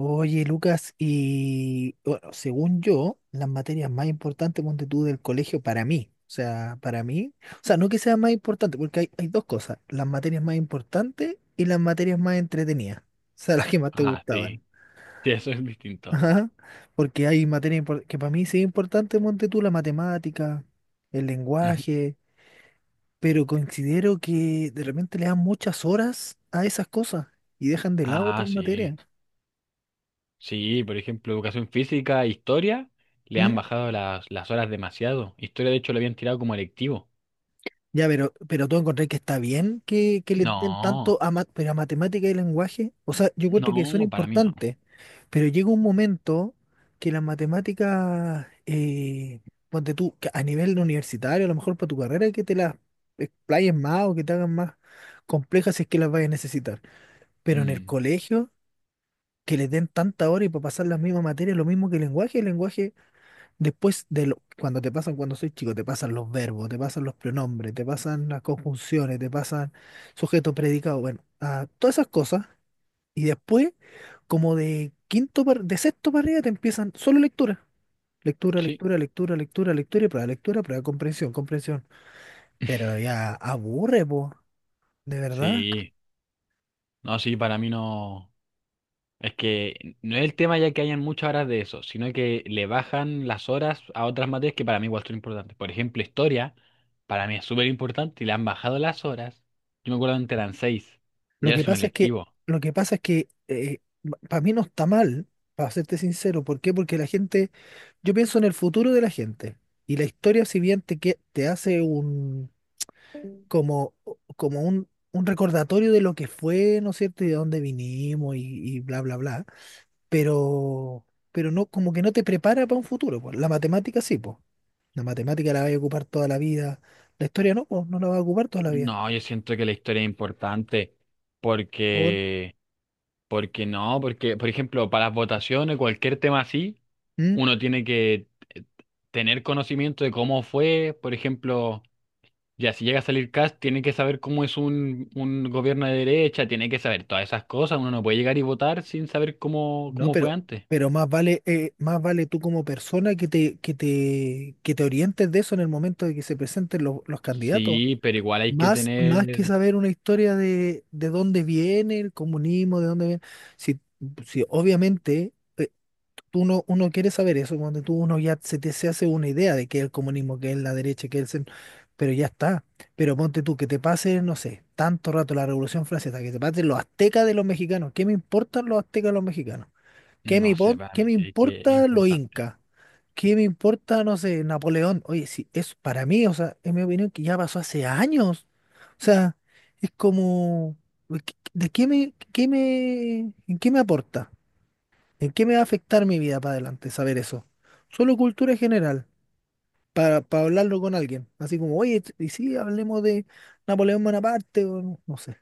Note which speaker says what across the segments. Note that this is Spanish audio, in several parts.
Speaker 1: Oye, Lucas, y bueno, según yo, las materias más importantes, ponte tú, del colegio para mí, o sea, para mí, o sea, no que sea más importante, porque hay dos cosas, las materias más importantes y las materias más entretenidas, o sea, las que más te
Speaker 2: Ah,
Speaker 1: gustaban.
Speaker 2: sí. Sí, eso es distinto.
Speaker 1: Ajá, porque hay que para mí sí es importante, ponte tú, la matemática, el
Speaker 2: Ujú.
Speaker 1: lenguaje, pero considero que de repente le dan muchas horas a esas cosas y dejan de lado
Speaker 2: Ah,
Speaker 1: otras
Speaker 2: sí.
Speaker 1: materias.
Speaker 2: Sí, por ejemplo, educación física, historia, le han bajado las horas demasiado. Historia, de hecho, lo habían tirado como electivo.
Speaker 1: Ya, pero tú encontrás que está bien que le den
Speaker 2: No,
Speaker 1: tanto a, pero a matemática y lenguaje. O sea, yo encuentro que son
Speaker 2: no, para mí no.
Speaker 1: importantes, pero llega un momento que las matemáticas, ponte tú, que a nivel universitario, a lo mejor para tu carrera, que te las explayen más o que te hagan más complejas si es que las vayas a necesitar. Pero en el
Speaker 2: Mm,
Speaker 1: colegio, que les den tanta hora y para pasar las mismas materias, lo mismo que el lenguaje, el lenguaje. Cuando te pasan, cuando soy chico, te pasan los verbos, te pasan los pronombres, te pasan las conjunciones, te pasan sujeto, predicado, bueno, todas esas cosas. Y después, como de quinto, de sexto para arriba, te empiezan solo lectura. Lectura,
Speaker 2: sí,
Speaker 1: lectura, lectura, lectura, lectura y prueba, lectura, prueba, comprensión, comprensión. Pero ya aburre, po, de verdad.
Speaker 2: sí. No, sí, para mí no. Es que no es el tema ya que hayan muchas horas de eso, sino que le bajan las horas a otras materias que para mí igual son importantes. Por ejemplo, historia, para mí es súper importante y le han bajado las horas. Yo me acuerdo antes eran seis,
Speaker 1: Lo
Speaker 2: ya
Speaker 1: que
Speaker 2: es un
Speaker 1: pasa es que,
Speaker 2: electivo.
Speaker 1: lo que pasa es que para mí no está mal, para serte sincero. ¿Por qué? Porque la gente, yo pienso en el futuro de la gente. Y la historia, si bien te hace un, como, como un recordatorio de lo que fue, ¿no es cierto? Y de dónde vinimos y bla, bla, bla. Pero, pero no, como que no te prepara para un futuro, po. La matemática sí, pues. La matemática la vas a ocupar toda la vida. La historia no, pues, no la vas a ocupar toda la vida.
Speaker 2: No, yo siento que la historia es importante
Speaker 1: Por,
Speaker 2: porque, porque no, porque, por ejemplo, para las votaciones, cualquier tema así, uno tiene que eh, tener conocimiento de cómo fue, por ejemplo. Ya, si llega a salir Cast, tiene que saber cómo es un gobierno de derecha, tiene que saber todas esas cosas. Uno no puede llegar y votar sin saber cómo,
Speaker 1: no,
Speaker 2: cómo fue antes.
Speaker 1: pero más vale tú como persona que te orientes de eso en el momento de que se presenten los candidatos.
Speaker 2: Sí, pero igual
Speaker 1: Sí.
Speaker 2: hay que
Speaker 1: Más, más que
Speaker 2: tener,
Speaker 1: saber una historia de dónde viene el comunismo, de dónde viene. Si, si obviamente tú no, uno quiere saber eso, cuando tú uno ya se hace una idea de qué es el comunismo, qué es la derecha, qué es el centro, pero ya está. Pero ponte tú que te pase, no sé, tanto rato la Revolución Francesa, que te pasen los aztecas de los mexicanos. ¿Qué me importan los aztecas de los mexicanos? ¿Qué me,
Speaker 2: no sé, para
Speaker 1: qué
Speaker 2: mí
Speaker 1: me
Speaker 2: sí que es
Speaker 1: importa los
Speaker 2: importante.
Speaker 1: incas? ¿Qué me importa, no sé, Napoleón? Oye, sí, es para mí, o sea, es mi opinión que ya pasó hace años. O sea, es como, ¿de qué me, en qué me aporta? ¿En qué me va a afectar mi vida para adelante saber eso? Solo cultura general, para hablarlo con alguien. Así como, oye, y sí, hablemos de Napoleón Bonaparte, o no, no sé.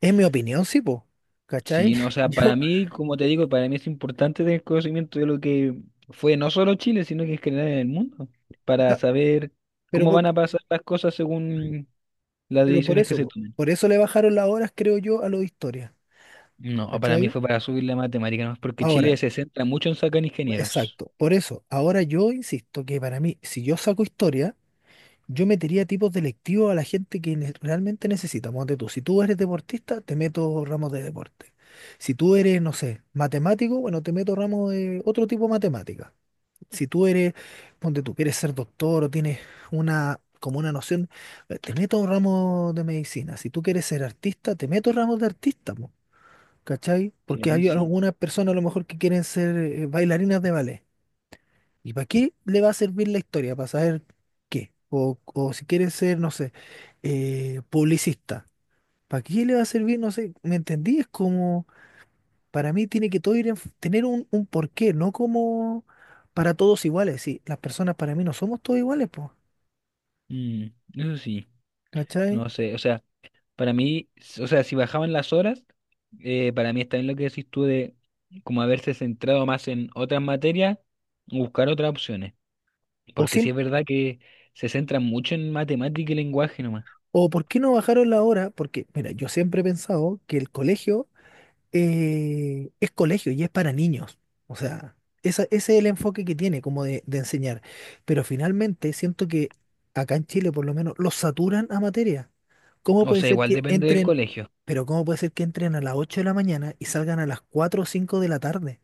Speaker 1: Es mi opinión, sí, po. ¿Cachai?
Speaker 2: Sí, no, o sea,
Speaker 1: Yo,
Speaker 2: para
Speaker 1: o
Speaker 2: mí, como te digo, para mí es importante tener conocimiento de lo que fue no solo Chile, sino que es general en el mundo, para
Speaker 1: sea,
Speaker 2: saber
Speaker 1: pero
Speaker 2: cómo
Speaker 1: por-
Speaker 2: van a pasar las cosas según las
Speaker 1: Pero por
Speaker 2: decisiones que
Speaker 1: eso,
Speaker 2: se
Speaker 1: po,
Speaker 2: tomen.
Speaker 1: por eso le bajaron las horas, creo yo, a lo de historia.
Speaker 2: No, para mí
Speaker 1: ¿Cachai?
Speaker 2: fue para subir la matemática, ¿no? Porque Chile
Speaker 1: Ahora,
Speaker 2: se centra mucho en sacar ingenieros.
Speaker 1: exacto, por eso. Ahora yo insisto que para mí, si yo saco historia, yo metería tipos de lectivo a la gente que realmente necesita. Ponte tú, si tú eres deportista, te meto ramos de deporte. Si tú eres, no sé, matemático, bueno, te meto ramos de otro tipo de matemática. Si tú eres, ponte tú, quieres ser doctor o tienes una, como una noción, te meto un ramo de medicina. Si tú quieres ser artista, te meto ramos de artista. ¿Cachai?
Speaker 2: Sí,
Speaker 1: Porque
Speaker 2: ahí
Speaker 1: hay
Speaker 2: sí.
Speaker 1: algunas personas a lo mejor que quieren ser bailarinas de ballet. ¿Y para qué le va a servir la historia? ¿Para saber qué? O si quieren ser, no sé, publicista. ¿Para qué le va a servir? No sé, ¿me entendí? Es como, para mí tiene que todo ir en tener un porqué, no como para todos iguales. Sí, las personas para mí no somos todos iguales, pues.
Speaker 2: Mm, eso sí,
Speaker 1: ¿Cachai?
Speaker 2: no sé, o sea, para mí, o sea, si bajaban las horas, para mí está bien lo que decís tú de como haberse centrado más en otras materias, buscar otras opciones,
Speaker 1: O,
Speaker 2: porque
Speaker 1: siem-
Speaker 2: sí es verdad que se centran mucho en matemática y lenguaje nomás,
Speaker 1: o ¿Por qué no bajaron la hora? Porque, mira, yo siempre he pensado que el colegio es colegio y es para niños. O sea, ese es el enfoque que tiene como de enseñar. Pero finalmente siento que acá en Chile por lo menos los saturan a materia. ¿Cómo
Speaker 2: o
Speaker 1: puede
Speaker 2: sea,
Speaker 1: ser
Speaker 2: igual
Speaker 1: que Bueno,
Speaker 2: depende del
Speaker 1: entren,
Speaker 2: colegio.
Speaker 1: pero ¿cómo puede ser que entren a las 8 de la mañana y salgan a las 4 o 5 de la tarde?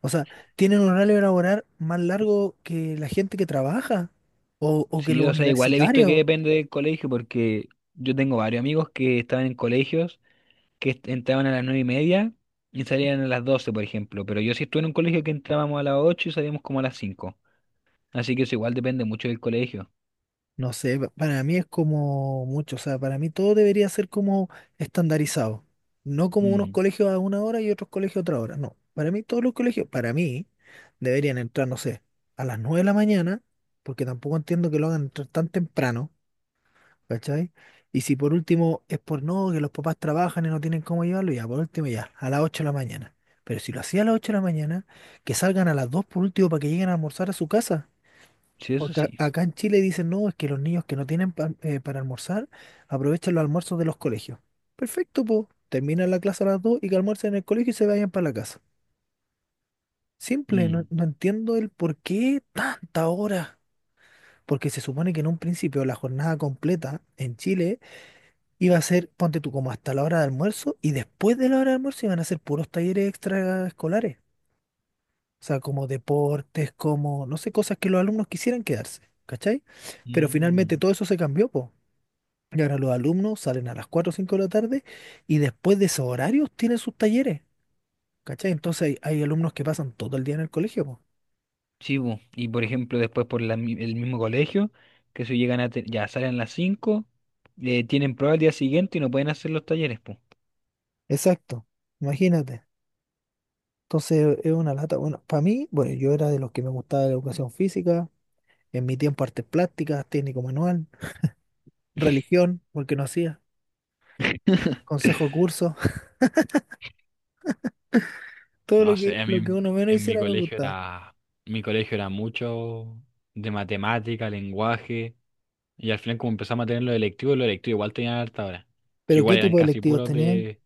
Speaker 1: O sea, tienen un horario laboral más largo que la gente que trabaja o que
Speaker 2: Sí,
Speaker 1: los
Speaker 2: o sea, igual he visto que
Speaker 1: universitarios.
Speaker 2: depende del colegio, porque yo tengo varios amigos que estaban en colegios que entraban a las 9:30 y salían a las 12:00 por ejemplo. Pero yo sí estuve en un colegio que entrábamos a las 8:00 y salíamos como a las 5:00. Así que eso igual depende mucho del colegio.
Speaker 1: No sé, para mí es como mucho, o sea, para mí todo debería ser como estandarizado, no como unos
Speaker 2: Mm,
Speaker 1: colegios a una hora y otros colegios a otra hora, no, para mí todos los colegios, para mí, deberían entrar, no sé, a las 9 de la mañana, porque tampoco entiendo que lo hagan entrar tan temprano, ¿cachai? Y si por último es por no, que los papás trabajan y no tienen cómo llevarlo, ya, por último ya, a las 8 de la mañana, pero si lo hacía a las 8 de la mañana, que salgan a las 2 por último para que lleguen a almorzar a su casa.
Speaker 2: sí, eso
Speaker 1: Porque
Speaker 2: sí.
Speaker 1: acá en Chile dicen, no, es que los niños que no tienen para almorzar aprovechan los almuerzos de los colegios. Perfecto, po. Terminan la clase a las 2 y que almuercen en el colegio y se vayan para la casa. Simple, no,
Speaker 2: Mm,
Speaker 1: no entiendo el por qué tanta hora. Porque se supone que en un principio la jornada completa en Chile iba a ser, ponte tú, como hasta la hora de almuerzo y después de la hora de almuerzo iban a ser puros talleres extraescolares. O sea, como deportes, como, no sé, cosas que los alumnos quisieran quedarse. ¿Cachai? Pero finalmente
Speaker 2: mm.
Speaker 1: todo eso se cambió, pues. Y ahora los alumnos salen a las 4 o 5 de la tarde y después de esos horarios tienen sus talleres, ¿cachai? Entonces hay alumnos que pasan todo el día en el colegio, po.
Speaker 2: Sí, bu. Y por ejemplo, después por la el mismo colegio, que si llegan a... Ya salen a las 5:00, tienen prueba el día siguiente y no pueden hacer los talleres, pues.
Speaker 1: Exacto, imagínate. Entonces es una lata. Bueno, para mí, bueno, yo era de los que me gustaba la educación física, en mi tiempo artes plásticas, técnico manual, religión, porque no hacía, consejo curso, todo
Speaker 2: No sé, a
Speaker 1: lo que
Speaker 2: mí
Speaker 1: uno menos
Speaker 2: en
Speaker 1: hiciera me gustaba.
Speaker 2: mi colegio era mucho de matemática, lenguaje. Y al final como empezamos a tener los electivos igual tenían harta hora. Que
Speaker 1: Pero ¿qué
Speaker 2: igual eran
Speaker 1: tipo de
Speaker 2: casi
Speaker 1: electivos
Speaker 2: puros
Speaker 1: teníais?
Speaker 2: de...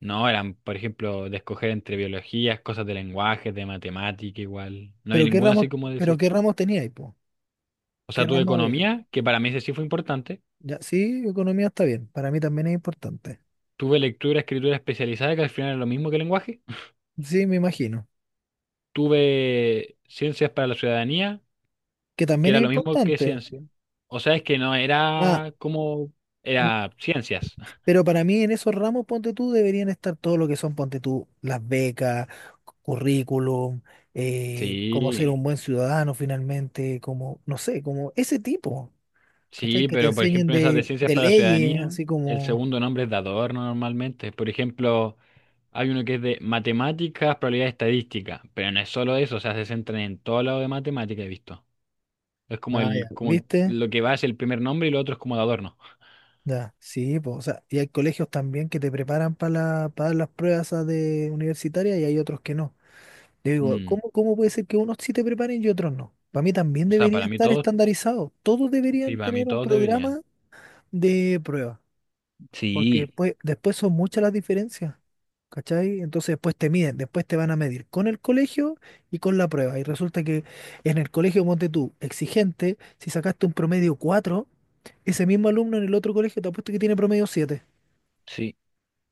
Speaker 2: No, eran, por ejemplo, de escoger entre biologías, cosas de lenguajes, de matemática, igual. No había
Speaker 1: ¿Pero qué
Speaker 2: ninguna
Speaker 1: ramos,
Speaker 2: así como
Speaker 1: pero
Speaker 2: decís
Speaker 1: qué
Speaker 2: tú.
Speaker 1: ramos teníais, po?
Speaker 2: O
Speaker 1: ¿Qué
Speaker 2: sea, tuve
Speaker 1: ramos había?
Speaker 2: economía, que para mí ese sí fue importante.
Speaker 1: Ya, sí, economía está bien, para mí también es importante.
Speaker 2: Tuve lectura, escritura especializada, que al final era lo mismo que lenguaje.
Speaker 1: Sí, me imagino.
Speaker 2: Tuve ciencias para la ciudadanía,
Speaker 1: Que
Speaker 2: que
Speaker 1: también
Speaker 2: era
Speaker 1: es
Speaker 2: lo mismo que
Speaker 1: importante.
Speaker 2: ciencia. O sea, es que no
Speaker 1: Ah,
Speaker 2: era como...
Speaker 1: Bueno,
Speaker 2: Era ciencias.
Speaker 1: pero para mí en esos ramos, ponte tú, deberían estar todo lo que son, ponte tú, las becas, currículum, cómo ser
Speaker 2: Sí.
Speaker 1: un buen ciudadano finalmente, como, no sé, como ese tipo, ¿cachai?
Speaker 2: Sí,
Speaker 1: Que te
Speaker 2: pero por
Speaker 1: enseñen
Speaker 2: ejemplo en esas de ciencias
Speaker 1: de
Speaker 2: para la
Speaker 1: leyes,
Speaker 2: ciudadanía,
Speaker 1: así
Speaker 2: el
Speaker 1: como,
Speaker 2: segundo nombre es de adorno normalmente. Por ejemplo, hay uno que es de matemáticas, probabilidad estadística, pero no es solo eso, o sea, se centran en todo lado de matemática, he visto. Es como
Speaker 1: ah, ya,
Speaker 2: el, como
Speaker 1: ¿viste?
Speaker 2: lo que va es el primer nombre y lo otro es como de adorno.
Speaker 1: Ya, sí, pues, o sea, y hay colegios también que te preparan para para las pruebas esas de universitarias y hay otros que no. Yo digo,
Speaker 2: Mm.
Speaker 1: ¿cómo, cómo puede ser que unos sí te preparen y otros no? Para mí también
Speaker 2: O sea,
Speaker 1: debería
Speaker 2: para mí
Speaker 1: estar
Speaker 2: todos,
Speaker 1: estandarizado. Todos
Speaker 2: sí,
Speaker 1: deberían
Speaker 2: para mí
Speaker 1: tener un
Speaker 2: todos deberían.
Speaker 1: programa de prueba, porque
Speaker 2: Sí,
Speaker 1: después, después son muchas las diferencias, ¿cachai? Entonces después te miden, después te van a medir con el colegio y con la prueba. Y resulta que en el colegio, ponte tú, exigente, si sacaste un promedio cuatro, ese mismo alumno en el otro colegio te apuesto que tiene promedio siete,
Speaker 2: sí.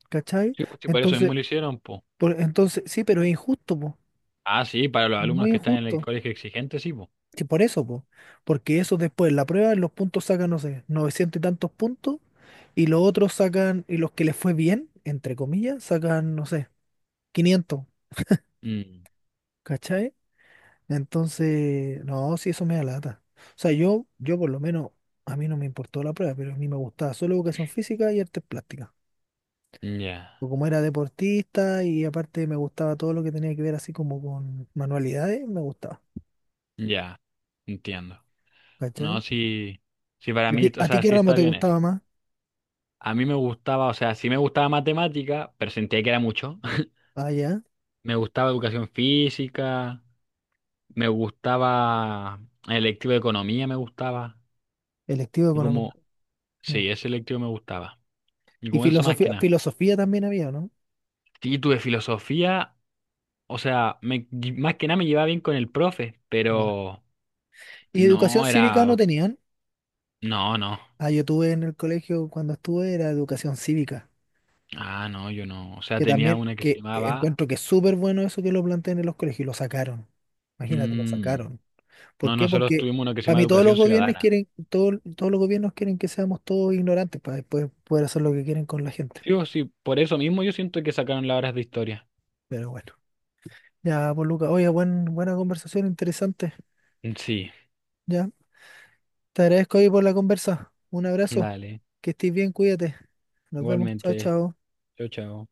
Speaker 1: ¿cachai?
Speaker 2: Sí, pues, sí, por eso
Speaker 1: Entonces,
Speaker 2: mismo lo hicieron, po.
Speaker 1: entonces sí, pero es injusto, po.
Speaker 2: Ah, sí, para los
Speaker 1: Es
Speaker 2: alumnos
Speaker 1: muy
Speaker 2: que están en el
Speaker 1: injusto.
Speaker 2: colegio exigente, sí, po.
Speaker 1: Sí, por eso, po. Porque eso después, la prueba, los puntos sacan, no sé, 900 y tantos puntos, y los que les fue bien, entre comillas, sacan, no sé, quinientos,
Speaker 2: Mm,
Speaker 1: ¿cachai? Entonces, no, sí, eso me da lata. O sea, yo por lo menos, a mí no me importó la prueba, pero a mí me gustaba solo educación física y artes plásticas.
Speaker 2: ya,
Speaker 1: Porque como era deportista y aparte me gustaba todo lo que tenía que ver así como con manualidades, me gustaba,
Speaker 2: ya, entiendo. No,
Speaker 1: ¿cachai?
Speaker 2: sí, sí, para mí, o
Speaker 1: A ti
Speaker 2: sea,
Speaker 1: qué
Speaker 2: sí
Speaker 1: ramo
Speaker 2: está
Speaker 1: te
Speaker 2: bien eso.
Speaker 1: gustaba más?
Speaker 2: A mí me gustaba, o sea, sí me gustaba matemática, pero sentía que era mucho.
Speaker 1: Ah, ya,
Speaker 2: Me gustaba educación física, me gustaba el electivo de economía, me gustaba.
Speaker 1: electivo de
Speaker 2: Y como,
Speaker 1: economía.
Speaker 2: sí, ese electivo me gustaba. Y
Speaker 1: Y
Speaker 2: como eso más que
Speaker 1: filosofía,
Speaker 2: nada.
Speaker 1: filosofía también había, ¿no?
Speaker 2: Y tuve filosofía, o sea, me, más que nada me llevaba bien con el profe,
Speaker 1: Ya.
Speaker 2: pero
Speaker 1: ¿Y educación
Speaker 2: no
Speaker 1: cívica no
Speaker 2: era,
Speaker 1: tenían?
Speaker 2: no, no.
Speaker 1: Ah, yo tuve en el colegio cuando estuve era educación cívica,
Speaker 2: Ah, no, yo no. O sea,
Speaker 1: que
Speaker 2: tenía
Speaker 1: también
Speaker 2: una que se
Speaker 1: que
Speaker 2: llamaba...
Speaker 1: encuentro que es súper bueno eso que lo planteen en los colegios y lo sacaron. Imagínate, lo
Speaker 2: Mm,
Speaker 1: sacaron. ¿Por
Speaker 2: no,
Speaker 1: qué?
Speaker 2: nosotros
Speaker 1: Porque
Speaker 2: tuvimos una que se
Speaker 1: para
Speaker 2: llama
Speaker 1: mí todos los
Speaker 2: Educación
Speaker 1: gobiernos
Speaker 2: Ciudadana.
Speaker 1: quieren, todos los gobiernos quieren que seamos todos ignorantes para después poder hacer lo que quieren con la gente.
Speaker 2: Sí, o sí, por eso mismo yo siento que sacaron las horas de historia.
Speaker 1: Pero bueno. Ya, pues Luca, oye, buen, buena conversación, interesante.
Speaker 2: Mm, sí,
Speaker 1: Ya. Te agradezco hoy por la conversa. Un abrazo.
Speaker 2: dale.
Speaker 1: Que estés bien, cuídate. Nos vemos. Chao,
Speaker 2: Igualmente.
Speaker 1: chao.
Speaker 2: Chao, chao.